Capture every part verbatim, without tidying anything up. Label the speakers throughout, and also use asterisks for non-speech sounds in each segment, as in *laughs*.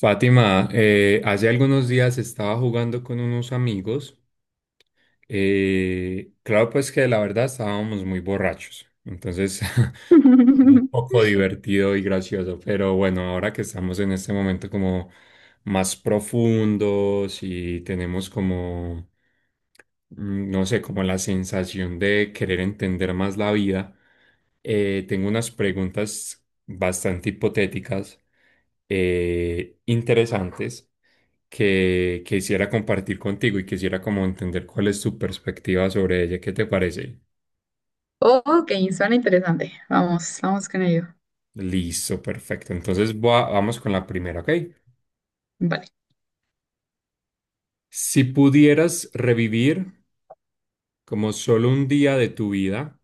Speaker 1: Fátima, eh, hace algunos días estaba jugando con unos amigos. Eh, claro, pues que la verdad estábamos muy borrachos. Entonces, *laughs* un
Speaker 2: *laughs*
Speaker 1: poco divertido y gracioso. Pero bueno, ahora que estamos en este momento como más profundos y tenemos como, mm, no sé, como la sensación de querer entender más la vida, eh, tengo unas preguntas bastante hipotéticas, eh, interesantes, que quisiera compartir contigo y quisiera como entender cuál es tu perspectiva sobre ella. ¿Qué te parece?
Speaker 2: Ok, suena interesante. Vamos, vamos con ello.
Speaker 1: Listo, perfecto. Entonces va- vamos con la primera, ¿ok?
Speaker 2: Vale.
Speaker 1: Si pudieras revivir como solo un día de tu vida,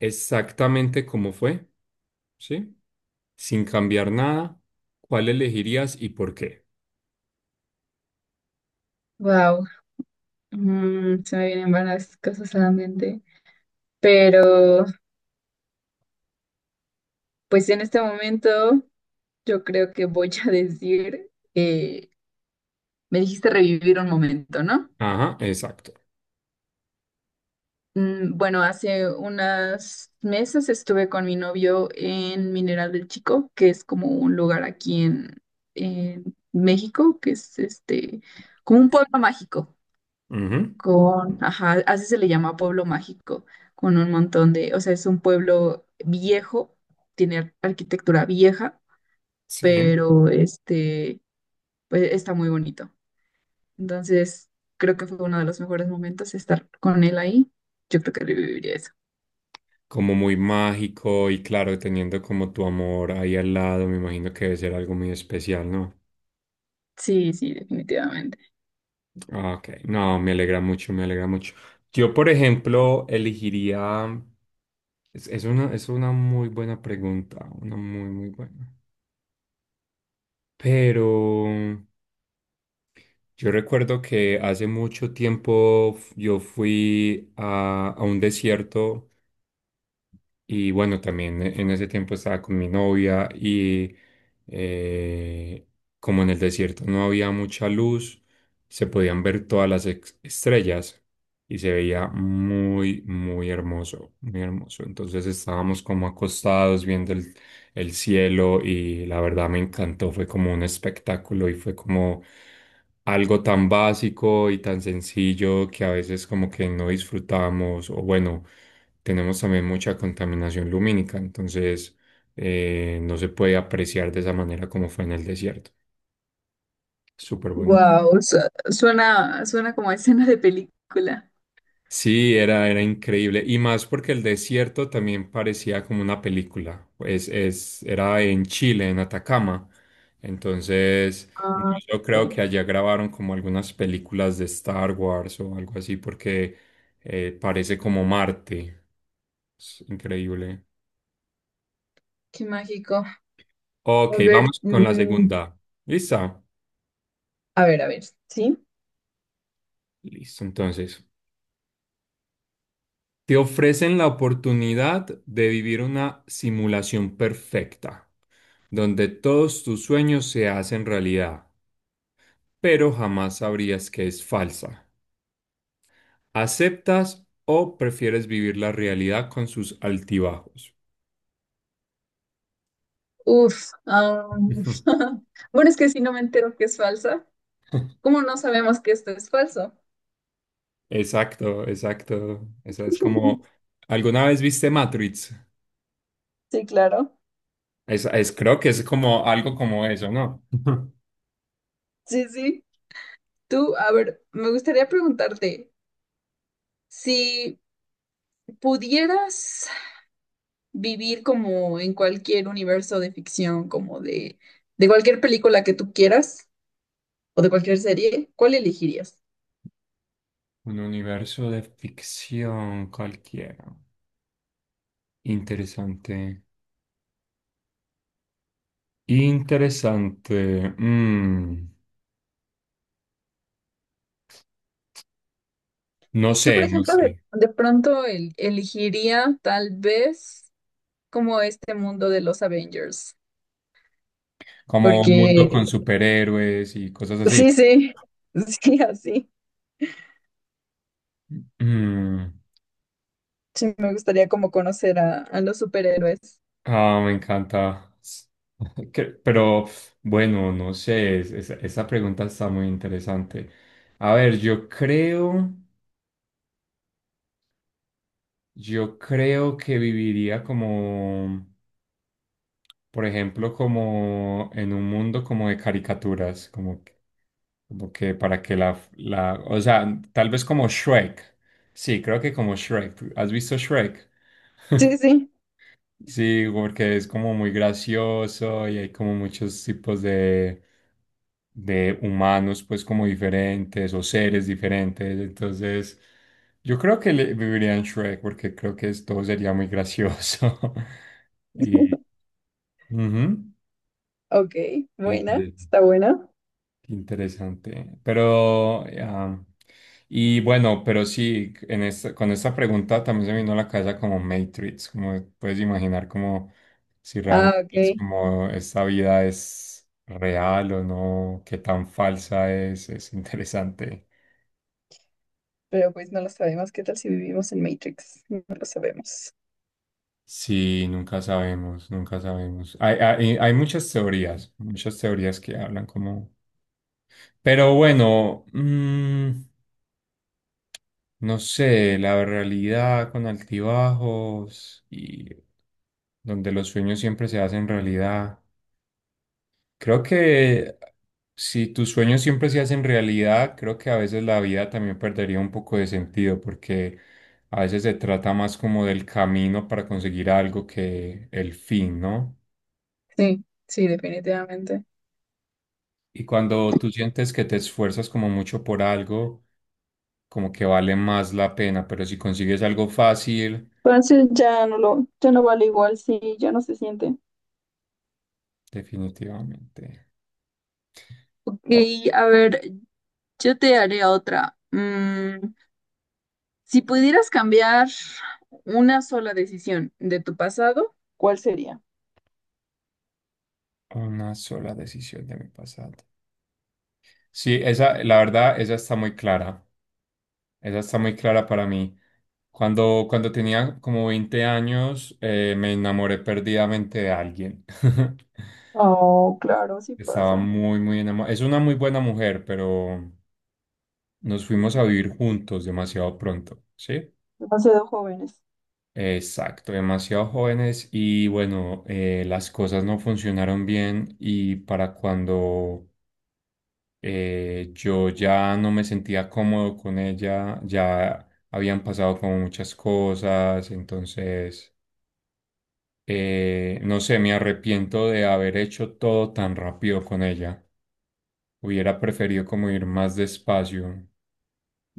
Speaker 1: exactamente como fue, ¿sí? Sin cambiar nada, ¿cuál elegirías y por qué?
Speaker 2: Wow. Mm, se me vienen varias cosas a la mente. Pero, pues en este momento, yo creo que voy a *laughs* decir, eh, me dijiste revivir un momento, ¿no?
Speaker 1: Ajá, exacto.
Speaker 2: Mm, bueno, hace unas meses estuve con mi novio en Mineral del Chico, que es como un lugar aquí en, en México, que es este, como un pueblo mágico.
Speaker 1: Ujú.
Speaker 2: Con, ajá, así se le llama pueblo mágico, con un montón de, o sea, es un pueblo viejo, tiene ar- arquitectura vieja,
Speaker 1: Sí,
Speaker 2: pero este, pues está muy bonito. Entonces, creo que fue uno de los mejores momentos estar con él ahí. Yo creo que reviviría eso.
Speaker 1: como muy mágico y claro, teniendo como tu amor ahí al lado, me imagino que debe ser algo muy especial, ¿no?
Speaker 2: Sí, sí, definitivamente.
Speaker 1: Ok, no, me alegra mucho, me alegra mucho. Yo, por ejemplo, elegiría, es, es una, es una muy buena pregunta, una muy, muy buena. Pero yo recuerdo que hace mucho tiempo f- yo fui a, a un desierto. Y bueno, también e, en ese tiempo estaba con mi novia y eh, como en el desierto no había mucha luz, se podían ver todas las ex- estrellas y se veía muy, muy hermoso, muy hermoso. Entonces estábamos como acostados viendo el, el cielo y la verdad me encantó, fue como un espectáculo y fue como algo tan básico y tan sencillo que a veces como que no disfrutamos, o bueno, tenemos también mucha contaminación lumínica. Entonces, eh, no se puede apreciar de esa manera como fue en el desierto. Súper bonito.
Speaker 2: Wow, suena, suena como a escena de película.
Speaker 1: Sí, era, era increíble. Y más porque el desierto también parecía como una película. Pues es, era en Chile, en Atacama. Entonces,
Speaker 2: Ah,
Speaker 1: yo creo
Speaker 2: ok.
Speaker 1: que allá grabaron como algunas películas de Star Wars o algo así, porque, eh, parece como Marte. Es increíble.
Speaker 2: Qué mágico.
Speaker 1: Ok,
Speaker 2: A ver,
Speaker 1: vamos con la
Speaker 2: mm,
Speaker 1: segunda. ¿Lista?
Speaker 2: a ver, a ver, ¿sí?
Speaker 1: Listo, entonces, te ofrecen la oportunidad de vivir una simulación perfecta, donde todos tus sueños se hacen realidad, pero jamás sabrías que es falsa. ¿Aceptas o prefieres vivir la realidad con sus altibajos?
Speaker 2: Uf, am,
Speaker 1: *laughs*
Speaker 2: *laughs* bueno, es que si no me entero que es falsa, ¿cómo no sabemos que esto es falso?
Speaker 1: Exacto, exacto. Esa es como,
Speaker 2: *laughs*
Speaker 1: ¿alguna vez viste Matrix?
Speaker 2: Sí, claro.
Speaker 1: Es, es- creo que es como algo como eso, ¿no? *laughs*
Speaker 2: Sí, sí. Tú, a ver, me gustaría preguntarte, si pudieras vivir como en cualquier universo de ficción, como de, de cualquier película que tú quieras o de cualquier serie, ¿cuál elegirías?
Speaker 1: Un universo de ficción cualquiera. Interesante. Interesante. Mm, no
Speaker 2: Yo, por
Speaker 1: sé, no
Speaker 2: ejemplo, de,
Speaker 1: sé.
Speaker 2: de pronto el- elegiría tal vez como este mundo de los Avengers.
Speaker 1: Como un
Speaker 2: Porque
Speaker 1: mundo con superhéroes y cosas
Speaker 2: sí,
Speaker 1: así.
Speaker 2: sí, *laughs* sí, así.
Speaker 1: Mm,
Speaker 2: Sí, me gustaría como conocer a, a los superhéroes.
Speaker 1: ah, me encanta. *laughs* Que- Pero bueno, no sé, es- es- esa pregunta está muy interesante. A ver, yo creo, yo creo que viviría como, por ejemplo, como en un mundo como de caricaturas, como. Como que para que la, la, o sea, tal vez como Shrek. Sí, creo que como Shrek. ¿Has visto Shrek?
Speaker 2: Sí, sí.
Speaker 1: Sí, porque es como muy gracioso y hay como muchos tipos de, de humanos, pues como diferentes o seres diferentes. Entonces, yo creo que le, viviría en Shrek porque creo que es- todo sería muy gracioso. *laughs* Y,
Speaker 2: *laughs*
Speaker 1: ujú.
Speaker 2: Ok, buena, está buena.
Speaker 1: Qué interesante. Pero, ah, y bueno, pero sí, en esta, con esta pregunta también se me vino a la cabeza como Matrix, como puedes imaginar como si
Speaker 2: Ah,
Speaker 1: realmente
Speaker 2: ok,
Speaker 1: es como esta vida es real o no, qué tan falsa es, es interesante.
Speaker 2: pero pues no lo sabemos. ¿Qué tal si vivimos en Matrix? No lo sabemos.
Speaker 1: Sí, nunca sabemos, nunca sabemos. Hay, hay, hay muchas teorías, muchas teorías que hablan como... Pero bueno, mm, no sé, la realidad con altibajos y donde los sueños siempre se hacen realidad. Creo que si tus sueños siempre se hacen realidad, creo que a veces la vida también perdería un poco de sentido porque a veces se trata más como del camino para conseguir algo que el fin, ¿no?
Speaker 2: Sí, sí, definitivamente.
Speaker 1: Y cuando tú sientes que te esfuerzas como mucho por algo, como que vale más la pena, pero si consigues algo fácil,
Speaker 2: Entonces ya no lo, ya no vale igual, sí, ya no se siente.
Speaker 1: definitivamente.
Speaker 2: Ok, a ver, yo te haré otra. Mm, si pudieras cambiar una sola decisión de tu pasado, ¿cuál sería?
Speaker 1: Una sola decisión de mi pasado. Sí, esa, la verdad, esa está muy clara. Esa está muy clara para mí. Cuando, cuando tenía como veinte años, eh, me enamoré perdidamente de alguien. *laughs*
Speaker 2: Oh, claro, sí
Speaker 1: Estaba
Speaker 2: pasa.
Speaker 1: muy, muy enamorado. Es una muy buena mujer, pero nos fuimos a vivir juntos demasiado pronto, ¿sí?
Speaker 2: Demasiado jóvenes.
Speaker 1: Exacto, demasiado jóvenes y bueno, eh, las cosas no funcionaron bien y para cuando, Eh, yo ya no me sentía cómodo con ella, ya habían pasado como muchas cosas, entonces, eh, no sé, me arrepiento de haber hecho todo tan rápido con ella. Hubiera preferido como ir más despacio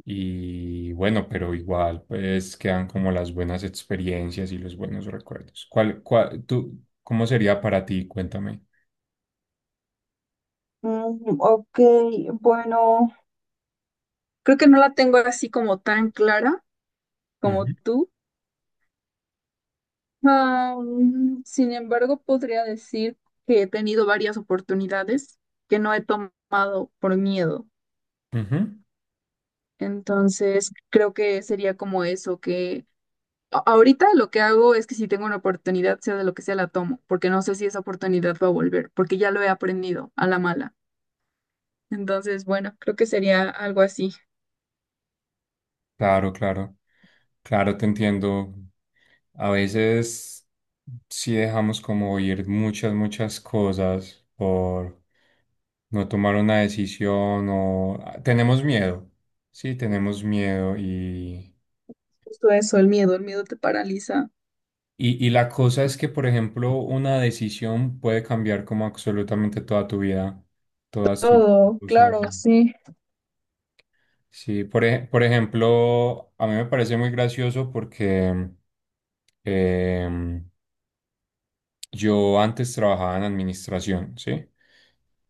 Speaker 1: y bueno, pero igual, pues quedan como las buenas experiencias y los buenos recuerdos. ¿Cuál, cuál, tú, cómo sería para ti? Cuéntame.
Speaker 2: Mm, ok, bueno, creo que no la tengo así como tan clara como
Speaker 1: Ujú,
Speaker 2: tú. Ah, mm, sin embargo, podría decir que he tenido varias oportunidades que no he tomado por miedo.
Speaker 1: ujú.
Speaker 2: Entonces, creo que sería como eso, que a- ahorita lo que hago es que si tengo una oportunidad, sea de lo que sea, la tomo, porque no sé si esa oportunidad va a volver, porque ya lo he aprendido a la mala. Entonces, bueno, creo que sería algo así.
Speaker 1: Claro, claro. Claro, te entiendo. A veces sí dejamos como ir muchas, muchas cosas por no tomar una decisión o ah, tenemos miedo. Sí, tenemos miedo y,
Speaker 2: Justo eso, el miedo, el miedo te paraliza.
Speaker 1: y, y la cosa es que, por ejemplo, una decisión puede cambiar como absolutamente toda tu vida, todas tus
Speaker 2: Todo,
Speaker 1: cosas.
Speaker 2: claro, sí.
Speaker 1: Sí, por, ej- por ejemplo, a mí me parece muy gracioso porque em, yo antes trabajaba en administración, ¿sí?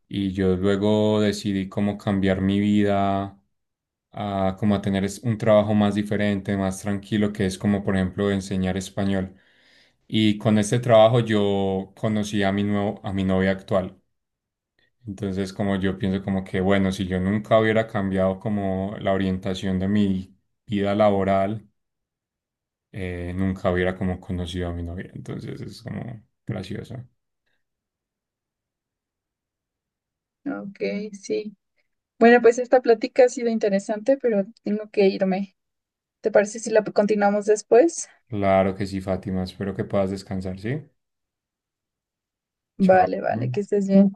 Speaker 1: Y yo luego decidí como cambiar mi vida a como a tener es- un trabajo más diferente, más tranquilo, que es como por ejemplo enseñar español. Y con este trabajo yo conocí a mi nuevo, a mi novia actual. Entonces como yo pienso como que bueno, si yo nunca hubiera cambiado como la orientación de mi vida laboral, eh, nunca hubiera como conocido a mi novia. Entonces es como gracioso.
Speaker 2: Ok, sí. Bueno, pues esta plática ha sido interesante, pero tengo que irme. ¿Te parece si la continuamos después?
Speaker 1: Claro que sí, Fátima. Espero que puedas descansar, ¿sí? Chao.
Speaker 2: Vale, vale, que estés bien.